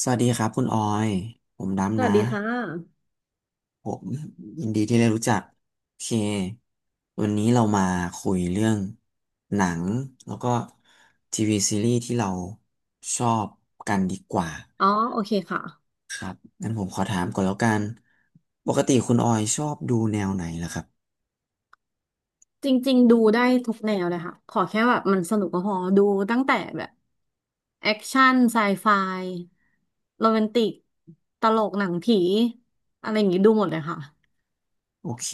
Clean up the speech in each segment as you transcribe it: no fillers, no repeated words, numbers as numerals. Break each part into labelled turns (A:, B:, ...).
A: สวัสดีครับคุณออยผม
B: ส
A: ดำ
B: วั
A: นะ
B: สดีค่ะ
A: ผมยินดีที่ได้รู้จักโอเควันนี้เรามาคุยเรื่องหนังแล้วก็ทีวีซีรีส์ที่เราชอบกันดีกว่า
B: อ๋อ โอเคค่ะ
A: งั้นผมขอถามก่อนแล้วกันปกติคุณออยชอบดูแนวไหนล่ะครับ
B: จริงๆ ดูได้ทุกแนวเลยค่ะ ขอแค่แบบมันสนุกก็พอ ดูตั้งแต่แบบแอคชั่นไซไฟโรแมนติก ตลกหนังผีอะไรอย่างงี้ดูหมดเลยค่ะ
A: โอเค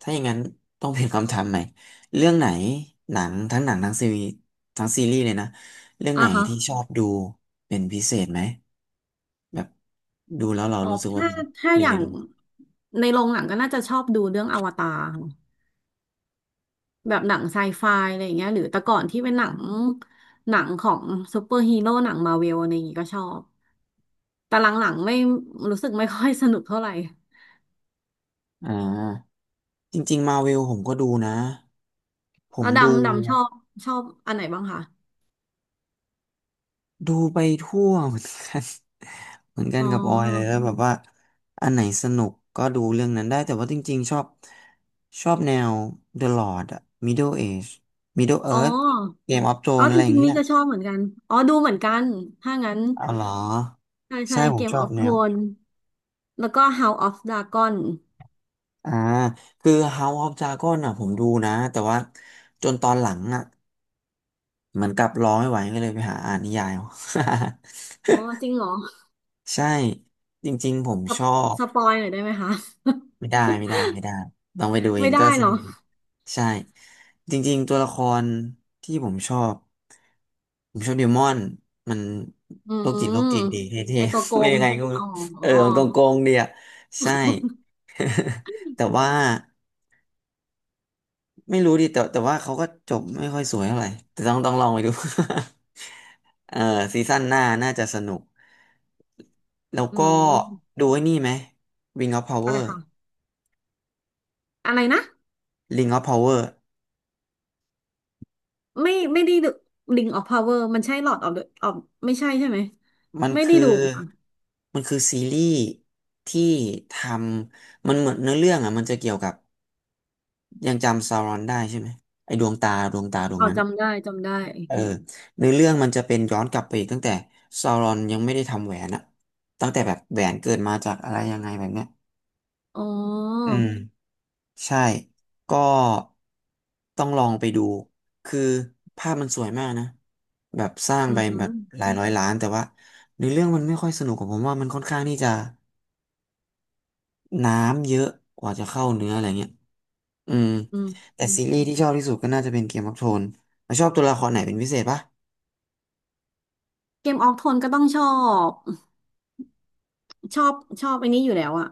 A: ถ้าอย่างนั้นต้องเปลี่ยนคำถามใหม่เรื่องไหนหนังทั้งหนังทั้งซีรีส์ทั้งซีรีส์เลยนะเรื่องไห
B: อ่ะ
A: น
B: ฮะ
A: ที่ชอบดูเป็นพิเศษไหม แบบดูแล้วเรา
B: อ๋อ
A: รู้สึกว่า
B: ถ้า
A: มันหนึ่
B: อ
A: งใน
B: ย่า
A: ด
B: ง
A: วง
B: ในโรงหนังก็น่าจะชอบดูเรื่องอวตาร แบบหนังไซไฟอะไรอย่างเงี้ยหรือแต่ก่อนที่เป็นหนังของซูเปอร์ฮีโร่หนังมาเวลอะไรอย่างงี้ก็ชอบแต่หลังๆไม่รู้สึกไม่ค่อยสนุกเท่าไหร่
A: อ่าจริงๆมาเวลผมก็ดูนะผ
B: แล้
A: ม
B: ว
A: ดู
B: ดำดำชอบอันไหนบ้างคะ
A: ดูไปทั่วเหมือนกัน เหมือนกั
B: อ๋
A: น
B: อ
A: กับออยเลยแล้วแบบว่าอันไหนสนุกก็ดูเรื่องนั้นได้แต่ว่าจริงๆชอบชอบแนว The Lord อะ Middle Age Middle
B: อ๋อ
A: Earth Game of
B: อ๋อ
A: Thrones อะ
B: จ
A: ไรอย่า
B: ริ
A: ง
B: งๆ
A: เงี้
B: นี่
A: ย
B: ก็ชอบเหมือนกัน อ๋อดูเหมือนกันถ้างั้น
A: อ๋อเหรอ
B: ใช่ใช่
A: ใช่ผ
B: เก
A: ม
B: ม
A: ชอ
B: อ
A: บ
B: อฟ
A: แน
B: โท
A: ว
B: นแล้วก็ House of Dragon
A: อ่าคือ House of Dragon อ่ะผมดูนะแต่ว่าจนตอนหลังอ่ะ เหมือนกับรอไม่ไหวก็เลยไปหาอ่านนิยายเอา
B: อ๋อจริงเหรอ
A: ใช่จริงๆผม
B: ส
A: ช
B: ป
A: อบ
B: สปอยหน่อยได้ไหมคะ
A: ไม่ได้ไม่ได้ไม่ได้ต้องไปดู เอ
B: ไม่
A: ง
B: ได้
A: ก็สนุ
B: เนาะ
A: กใช่จริงๆตัวละครที่ผมชอบผมชอบเดมอนมัน
B: อื
A: โรคจิต
B: ม
A: โรคจิตดีเท่
B: ไอตัว
A: ๆ
B: โก
A: ไม่
B: ง
A: ยังไงก็ไม่
B: อ๋อ
A: รู้เออมันโกงๆดีอ่ะใช่ แต่ว่าไม่รู้ดิแต่ว่าเขาก็จบไม่ค่อยสวยเท่าไหร่แต่ต้องลองไปดู เออซีซั่นหน้าน่าจะสนุก แล้ว
B: อื
A: ก็
B: ม
A: ดูไอ้นี่ไหม Ring of
B: อะไร
A: Power
B: ค่ะอะไรนะ
A: Ring of Power
B: ไม่ได้ดู Ring of Power มันใช่ Lord of the of ไม่ใช่ใช่ไหม
A: มัน
B: ไม่ได้
A: คื
B: ดู
A: อ
B: ค่ะ
A: มันคือซีรีส์ที่ทำมันเหมือนเนื้อเรื่องอ่ะมันจะเกี่ยวกับยังจำซารอนได้ใช่ไหมไอ้ดวงตาดวง
B: อ๋อ
A: นั้นอะ
B: จำได้จำได้
A: เออเนื้อเรื่องมันจะเป็นย้อนกลับไปอีกตั้งแต่ซารอนยังไม่ได้ทำแหวนอะตั้งแต่แบบแหวนเกิดมาจากอะไรยังไงแบบเนี้ย
B: อ๋อ
A: อืมใช่ก็ต้องลองไปดูคือภาพมันสวยมากนะ แบบสร้าง
B: อื
A: ไป
B: มอื
A: แบ
B: ม
A: บหลายร้อยล้านแต่ว่าในเรื่องมันไม่ค่อยสนุกของผมว่ามันค่อนข้างที่จะน้ำเยอะกว่าจะเข้าเนื้ออะไรเงี้ยอืมแต่
B: อื
A: ซี
B: ม
A: รีส์ที่ชอบที่สุดก็น่าจะเป็นเกมออฟโทนแล้วชอบตัวละครไหนเป็นพิเศษปะ
B: เกมออกโทนก็ต้องชอบชอบชอบไอ้นี้อยู่แล้วอะ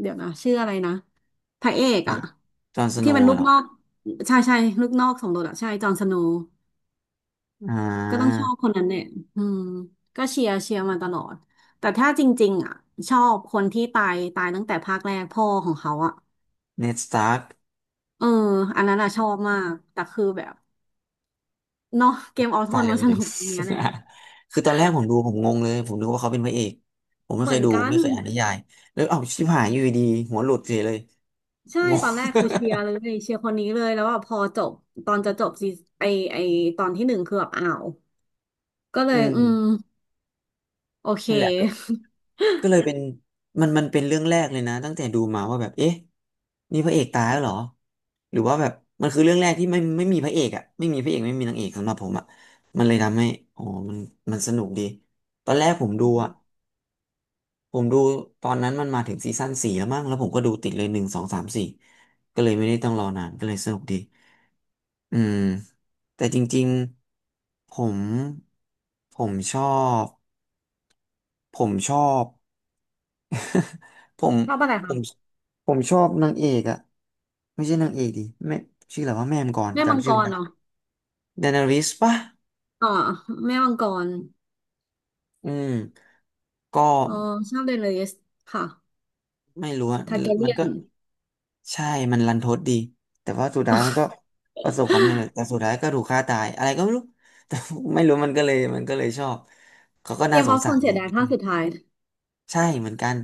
B: เดี๋ยวนะชื่ออะไรนะพระเอก
A: ครั
B: อะ
A: บจอห์นสโน
B: ที่เป็น
A: ว์
B: ลูก
A: เหรอ
B: นอกใช่ใช่ลูกนอกสมโดดอะใช่จอห์นสโนว์
A: อ่
B: ก็ต้อง
A: า
B: ชอบคนนั้นเนี่ยอืมก็เชียร์เชียร์มาตลอดแต่ถ้าจริงๆอ่ะชอบคนที่ตายตั้งแต่ภาคแรกพ่อของเขาอ่ะ
A: เนดสตาร์ก
B: เอออันนั้นอ่ะชอบมากแต่คือแบบเนาะเกมออโท
A: ตาย
B: น
A: เร็ว
B: มัน
A: ไป
B: ส
A: หน่อ
B: นุ
A: ย
B: กตรงเนี้ยแหละ
A: คือตอนแรกผมดูผมงงเลยผมนึกว่าเขาเป็นพระเอกผมไม่
B: เห
A: เค
B: มือ
A: ย
B: น
A: ดู
B: กัน
A: ไม่เคยอ่านนิยายแล้วเอ้าชิบหายอยู่ดีๆหัวหลุดเฉยเลย
B: ใช่
A: งง
B: ตอนแรกคือเชียร์เลยเชียร์คนนี้เลยแล้วว่าพอจบตอนจะจบซีไอไอตอนที่หนึ่งคือแบบอ้าวก็เล
A: อื
B: ยอืม
A: ม
B: โอเค
A: นั่นแหละ ก็เลยเป็นมันเป็นเรื่องแรกเลยนะตั้งแต่ดูมาว่าแบบเอ๊ะนี่พระเอกตายแล้วเหรอหรือว่าแบบมันคือเรื่องแรกที่ไม่มีพระเอกอ่ะไม่มีพระเอกไม่มีนางเอกสำหรับผมอ่ะมันเลยทำให้อ๋อมันมันสนุกดีตอนแรกผมดู
B: อื
A: อ่ะ
B: ม
A: ผมดูตอนนั้นมันมาถึงซีซั่นสี่แล้วมั้งแล้วผมก็ดูติดเลยหนึ่งสองสามสี่ก็เลยไม่ได้ต้องรอนานก็เลยสนุกดีอืมแต่จริงๆผมผมชอบผมชอบ ผม
B: ชอบอะไร
A: ผ
B: คะ
A: ม ผมชอบนางเอกอะไม่ใช่นางเอกดิแม่ชื่ออะไรว่าแม่มงก่อน
B: แม่มัง
A: จำ
B: ก
A: ชื่อไม่
B: ร
A: ได้
B: เนาะ
A: ดานาริสปะ
B: อ๋อแม่มังกร
A: อืมก็
B: อ๋อชอบเดนเลสค่ะ
A: ไม่รู้อะ
B: ทาร์แก
A: มั
B: เรี
A: น
B: ย
A: ก็
B: น
A: ใช่มันรันทดดีแต่ว่าสุดท้ายมันก็ประสบความสำเร็จแต่สุดท้ายก็ถูกฆ่าตายอะไรก็ไม่รู้ แต่ไม่รู้มันก็เลยชอบเขาก็
B: เก
A: น่า
B: ม
A: ส
B: อ
A: ง
B: อฟโท
A: สา
B: น
A: ร
B: เสี
A: ดี
B: ยดายภาค
A: เลย
B: สุดท้าย
A: ใช่เหมือนกัน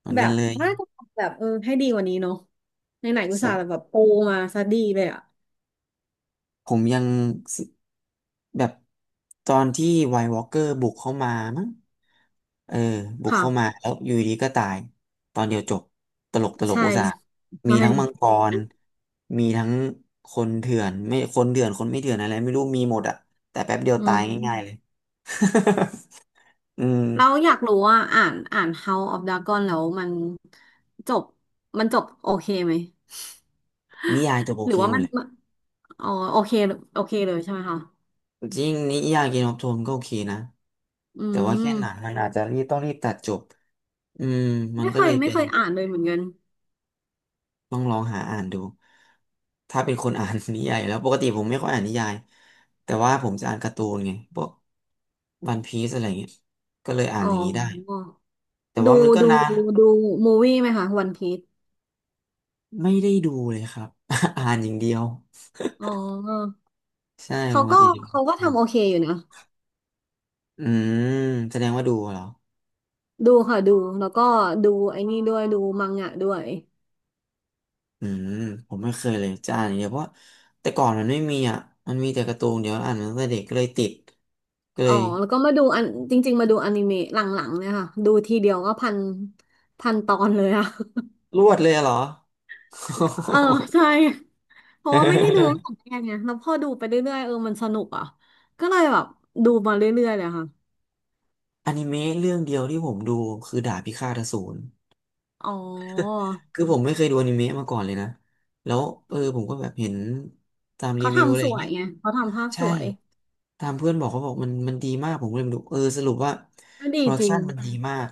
A: เหมือน
B: แบ
A: กัน
B: บ
A: เลย
B: น่าจะทำแบบเออให้ดีกว่านี้เนาะในไหนๆอุตส่าห์แบบโปรมาซะดีเลยอะ
A: ผมยัง แบบตอนที่ไวท์วอล์กเกอร์บุกเข้ามามั้งเออบุก
B: ค่ะ
A: เข้ามาแล้วอยู่ดีก็ตายตอนเดียวจบตลกตลก
B: ใช่
A: อุตส่าห์มี
B: ใช่
A: ทั้งมังกรมีทั้งคนเถื่อนไม่คนเถื่อนคนไม่เถื่อนอะไรไม่รู้มีหมดอะแต่แป๊บเดียว
B: อื
A: ตายง่ายๆเลย
B: ม
A: อืม
B: เราอยากรู้ว่าอ่านHouse of Dragon แล้วมันจบจบโอเคไหม
A: นิยายจบโอ
B: หรื
A: เค
B: อว่า
A: หม
B: มั
A: ด
B: น
A: เลย
B: อ๋อโอเคโอเคเลยใช่ไหมคะ
A: จริงนิยายเกมออฟโทนก็โอเคนะ
B: อื
A: แต่ว่าแค่
B: ม
A: หนังมันอาจจะรีบต้องรีบตัดจบอืมมัน
B: ไม่
A: ก็
B: เค
A: เล
B: ย
A: ยเป็น
B: อ่านเลยเหมือนกัน
A: ต้องลองหาอ่านดูถ้าเป็นคนอ่าน นิยายอยู่แล้วปกติผมไม่ค่อยอ่านนิยายแต่ว่าผมจะอ่านการ์ตูนไงพวกวันพีซอะไรเงี้ยก็เลยอ่าน
B: อ๋อ
A: อย่างนี้ได้แต่
B: ดู
A: ว่ามันก็
B: ดู
A: นาน
B: ดูมูวี่ไหมคะวันพี e
A: ไม่ได้ดูเลยครับ อ่านอย่างเดียว
B: อ๋อ
A: ใช่ป
B: เขา
A: ก
B: ก็
A: ติอ่า
B: ทำ
A: น
B: โอเคอยู่นะ
A: อืมแสดงว่าดูเหรอ
B: ดูค่ะดูแล้วก็ดูไอ้นี่ด้วยดูมังงะด้วย
A: อืมผมไม่เคยเลยจะอ่านอย่างเดียวเพราะแต่ก่อนมันไม่มีอ่ะมันมีแต่การ์ตูนเดี๋ยวอ่านมาตั้งแต่เด็กก็เลยติดก็เล
B: อ๋อ
A: ย
B: แล้วก็มาดูอันจริงๆมาดูอนิเมะหลังๆเนี่ยค่ะดูทีเดียวก็พันตอนเลยอะ
A: รวดเลยอะเหรอ
B: เออใช่เพราะว่าไม่ได้ดู ตั้งแต่แรกไงแล้วพอดูไปเรื่อยๆเออมันสนุกอ่ะก็เลยแบบดูมาเรื่อยๆเลยค่ะ
A: อนิเมะเรื่องเดียวที่ผมดูคือดาบพิฆาตอสูร
B: อ๋อ
A: คือผมไม่เคยดูอนิเมะมาก่อนเลยนะแล้วเออผมก็แบบเห็นตามรี
B: เขา
A: วิวอะไร
B: ทำส
A: อย่าง
B: วย
A: เงี้ย
B: ไงเขาทำภาพส
A: ใช่
B: วย
A: ตามเพื่อนบอกเขาบอกมันดีมากผมก็เลยไปดูเออสรุปว่า
B: ก็
A: โป
B: ดี
A: รดัก
B: จริ
A: ชั
B: ง
A: นมันดีมาก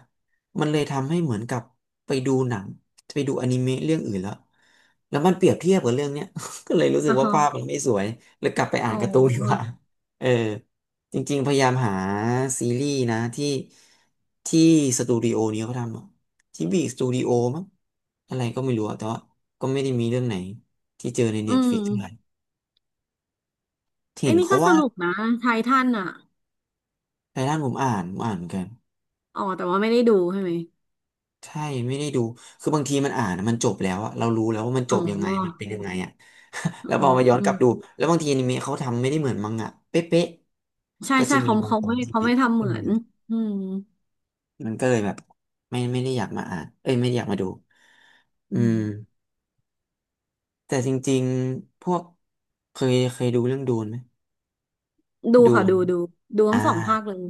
A: มันเลยทำให้เหมือนกับไปดูหนังไปดูอนิเมะเรื่องอื่นแล้วแล้วมันเปรียบเทียบกับเรื่องเนี้ย ก็เลยรู้สึก
B: อ่ะ
A: ว่า
B: ฮะ
A: ภาพมันไม่สวยเลยกลับไปอ่า
B: อ๋
A: น
B: อ
A: การ์ตูนดีกว่าเออจริงๆพยายามหาซีรีส์นะที่ที่สตูดิโอนี้เขาทำอะที่บีสตูดิโอมั้งอะไรก็ไม่รู้อะแต่ว่าก็ไม่ได้มีเรื่องไหนที่เจอใน
B: อื
A: เน็ตฟลิ
B: ม
A: กเท่าไหร่เห็
B: ไอ้
A: น
B: นี่
A: เขา
B: ก็ส
A: ว่า
B: นุกนะไททันอ่ะ
A: ไททันผมอ่านเหมือนกัน
B: อ๋อแต่ว่าไม่ได้ดูใช่ไหม
A: ใช่ไม่ได้ดูคือบางทีมันอ่านอะมันจบแล้วอะเรารู้แล้วว่ามันจ
B: อ๋อ
A: บยังไงมันเป็นยังไงอะ แล้ว
B: อ๋
A: พอมาย้อนกลับดู
B: อ
A: แล้วบางทีอนิเมะเขาทำไม่ได้เหมือนมังงะเป๊ะ
B: ใช่
A: ๆก็
B: ใช่
A: จะมี
B: เขา
A: บางตอ
B: ไม่
A: นที่
B: เขา
A: ผิด
B: ไม่ทำเห
A: อื
B: มือ
A: ม
B: นอืม
A: มันก็เลยแบบไม่ได้อยากมาอ่านเอ้ยไม่ได้อยากมาดูอื
B: อืม
A: มแต่จริงๆพวกเคยดูเรื่องดูนไหม
B: ดู
A: ดู
B: ค่ะ
A: น
B: ดูดูดู
A: อ่า
B: ทั้งสองภาคเลย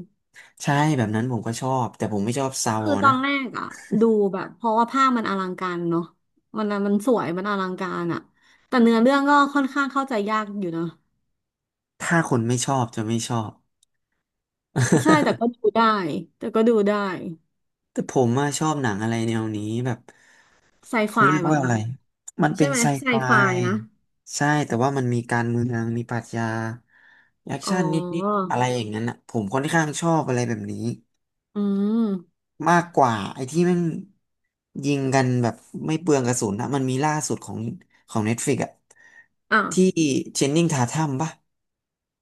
A: ใช่แบบนั้นผมก็ชอบแต่ผมไม่ชอบซาว
B: คือ
A: อ
B: ตอ
A: นะ
B: นแรกอ่ะดูแบบเพราะว่าภาพมันอลังการเนาะมันมันสวยมันอลังการอ่ะแต่เนื้อเรื่องก็ค่อนข้างเข้าใจยากอยู่นะ
A: ถ้าคนไม่ชอบจะไม่ชอบ
B: ใช่แต่ก็ดูได้แต่ก็ดูได้
A: แต่ผมอะชอบหนังอะไรแนวนี้แบบ
B: ไซ
A: เขา
B: ไฟ
A: เรียก
B: ป่ะ
A: ว่าอะ
B: คะ
A: ไร มัน
B: ใช่
A: เป็น
B: ไหม
A: ไซ
B: ไซ
A: ไฟ
B: ไฟนะ
A: ใช่แต่ว่ามันมีการเมืองมีปรัชญาแอค
B: อ๋อ
A: ชั่นนิดๆอะไรอย่างนั้นอะผมค่อนข้างชอบอะไรแบบนี้
B: อืม
A: มากกว่าไอ้ที่แมันยิงกันแบบไม่เปลืองกระสุนนะมันมีล่าสุดของ Netflix อะ
B: อ่ะ
A: ที่เจนนิงทาทัมปะ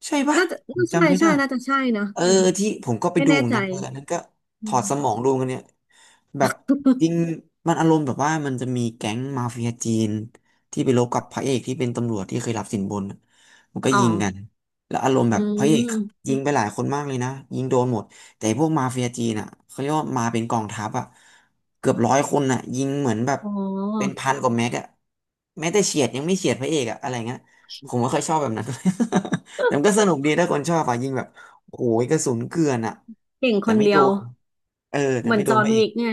A: ใช่ปะ
B: น่าจะ
A: ผม
B: น่าใช่
A: จำไม่
B: ใช่
A: ได้
B: น่าจะใช่นะ
A: เออที่ผมก็ไป
B: ไม่
A: ดู
B: แน่
A: เหมือน
B: ใจ
A: กันเอออันนั้นก็ถ
B: อื
A: อด
B: ม
A: สมองดูกันเนี่ยแบบจริง มันอารมณ์แบบว่ามันจะมีแก๊งมาเฟียจีนที่ไปรบกับพระเอกที่เป็นตำรวจที่เคยรับสินบนมันก็
B: อ๋อ
A: ยิงกันแล้วอารมณ์แบ
B: อื
A: บพระเอก
B: ม
A: ยิงไปหลายคนมากเลยนะยิงโดนหมดแต่พวกมาเฟียจีนอ่ะเขาเรียกว่ามาเป็นกองทัพอ่ะเกือบร้อยคนอ่ะยิงเหมือนแบบ
B: อ๋
A: เป็น
B: อ
A: พันกว่าแม็กอ่ะแม้แต่เฉียดยังไม่เฉียดพระเอกอ่ะอะไรเงี้ยผมไม่ค่อยชอบแบบนั้น แต่มันก็สนุกดีถ้าคนชอบอ่ะยิงแบบ โอ้ยกระสุนเกลื่อนอ่ะ
B: เก่งค
A: แต่
B: น
A: ไม่
B: เดี
A: โด
B: ยว
A: นเออแต่
B: เหมือน
A: ไม่โด
B: จ
A: น
B: อห์
A: พ
B: น
A: ระเอ
B: วิ
A: ก
B: กไง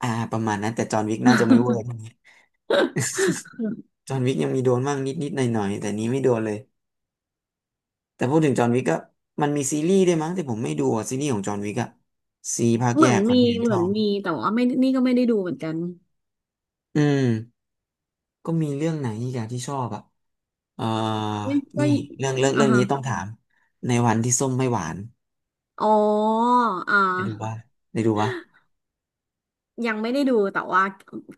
A: อ่าประมาณนั้นแต่จอห์นวิกน่าจะไม่เวอร์เท่านี้ จอห์นวิกยังมีโดนบ้างนิดๆหน่อยๆแต่นี้ไม่โดนเลยแต่พูดถึงจอห์นวิกก็มันมีซีรีส์ด้วยมั้งแต่ผมไม่ดูอะซีรีส์ของจอห์นวิกอะซีภาค
B: เห
A: แย
B: มือน
A: กขอน
B: มี
A: เทนตนชอบ
B: แต่ว่าไม่นี่ก็ไม่ได้ดูเหมือนกัน
A: อืมก็มีเรื่องไหนอีกอะที่ชอบอะเอ่อ
B: เฮ้ยก็
A: นี่เรื่องเรื่อง
B: อ่ะ
A: เรื่อง
B: ฮะ
A: นี้ต้องถามในวันที่ส้มไม่หวาน
B: อ๋ออ่า
A: ได้ดูป่ะได้ดูป่ะ
B: ยังไม่ได้ดูแต่ว่า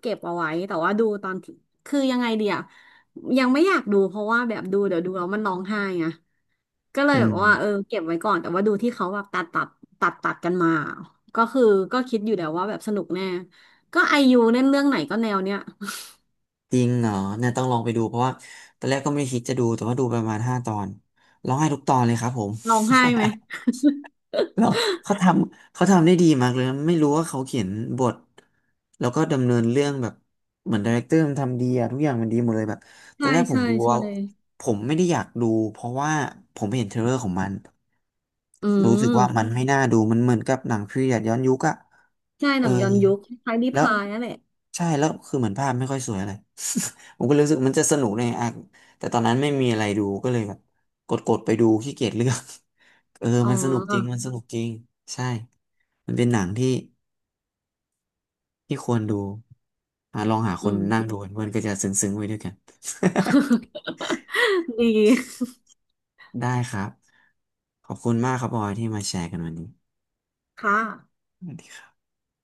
B: เก็บเอาไว้ แต่ว่าดูตอนที่คือยังไงเดียวยังไม่อยากดูเพราะว่าแบบดูเดี๋ยวดูแล้วมันร้องไห้ไง ก็เลย
A: อื
B: แบบว่าเออ
A: ม
B: เก็บไว้ก่อนแต่ว่าดูที่เขาแบบตัดตัดกันมาก็คือก็คิดอยู่แล้วว่าแบบสนุกแน่ก็ไอยูเล่นเรื่องไหนก็แนวเนี้ย
A: จริงเหรอเนี่ยต้องลองไปดูเพราะว่าตอนแรกก็ไม่ได้คิดจะดูแต่ว่าดูประมาณห้าตอนร้องไห้ทุกตอนเลยครับผม
B: ร้องไห้ไหม
A: แล้วเขาทเขาทำได้ดีมากเลยนะไม่รู้ว่าเขาเขียนบทแล้วก็ดำเนินเรื่องแบบเหมือนดีเรคเตอร์มันทำดีอะทุกอย่างมันดีหมดเลยแบบ ตอ
B: ใช่
A: นแรกผม
B: ใช่
A: ดูว่า
B: ใช่
A: ผมไม่ได้อยากดูเพราะว่าผมเห็นเทรลเลอร์ของมัน
B: อื
A: รู้สึกว่ามั
B: ม
A: นไม่น่าดูมันเหมือนกับหนังพีเรียดย้อนยุคอะ
B: ใช่
A: เอ
B: ห
A: อ
B: นังย้อนยุคคล้ายๆนิ
A: แล้ว
B: พายนั่นแหละ
A: ใช่แล้วคือเหมือนภาพไม่ค่อยสวยอะไร ผมก็เลยรู้สึกมันจะสนุกในอ่ะแต่ตอนนั้นไม่มีอะไรดูก็เลยแบบกดไปดูขี้เกียจเลือก เออ
B: อ๋
A: มันสนุกจริง
B: อ
A: มันสนุกจริงใช่มันเป็นหนังที่ที่ควรดูอ่ะลองหาค
B: อื
A: น
B: ม
A: นั่งดูกันเพื่อนก็จะซึ้งๆไว้ด้วยกัน
B: ดี
A: ได้ครับขอบคุณมากครับบอยที่มาแชร์กันวันนี้
B: ค่ะ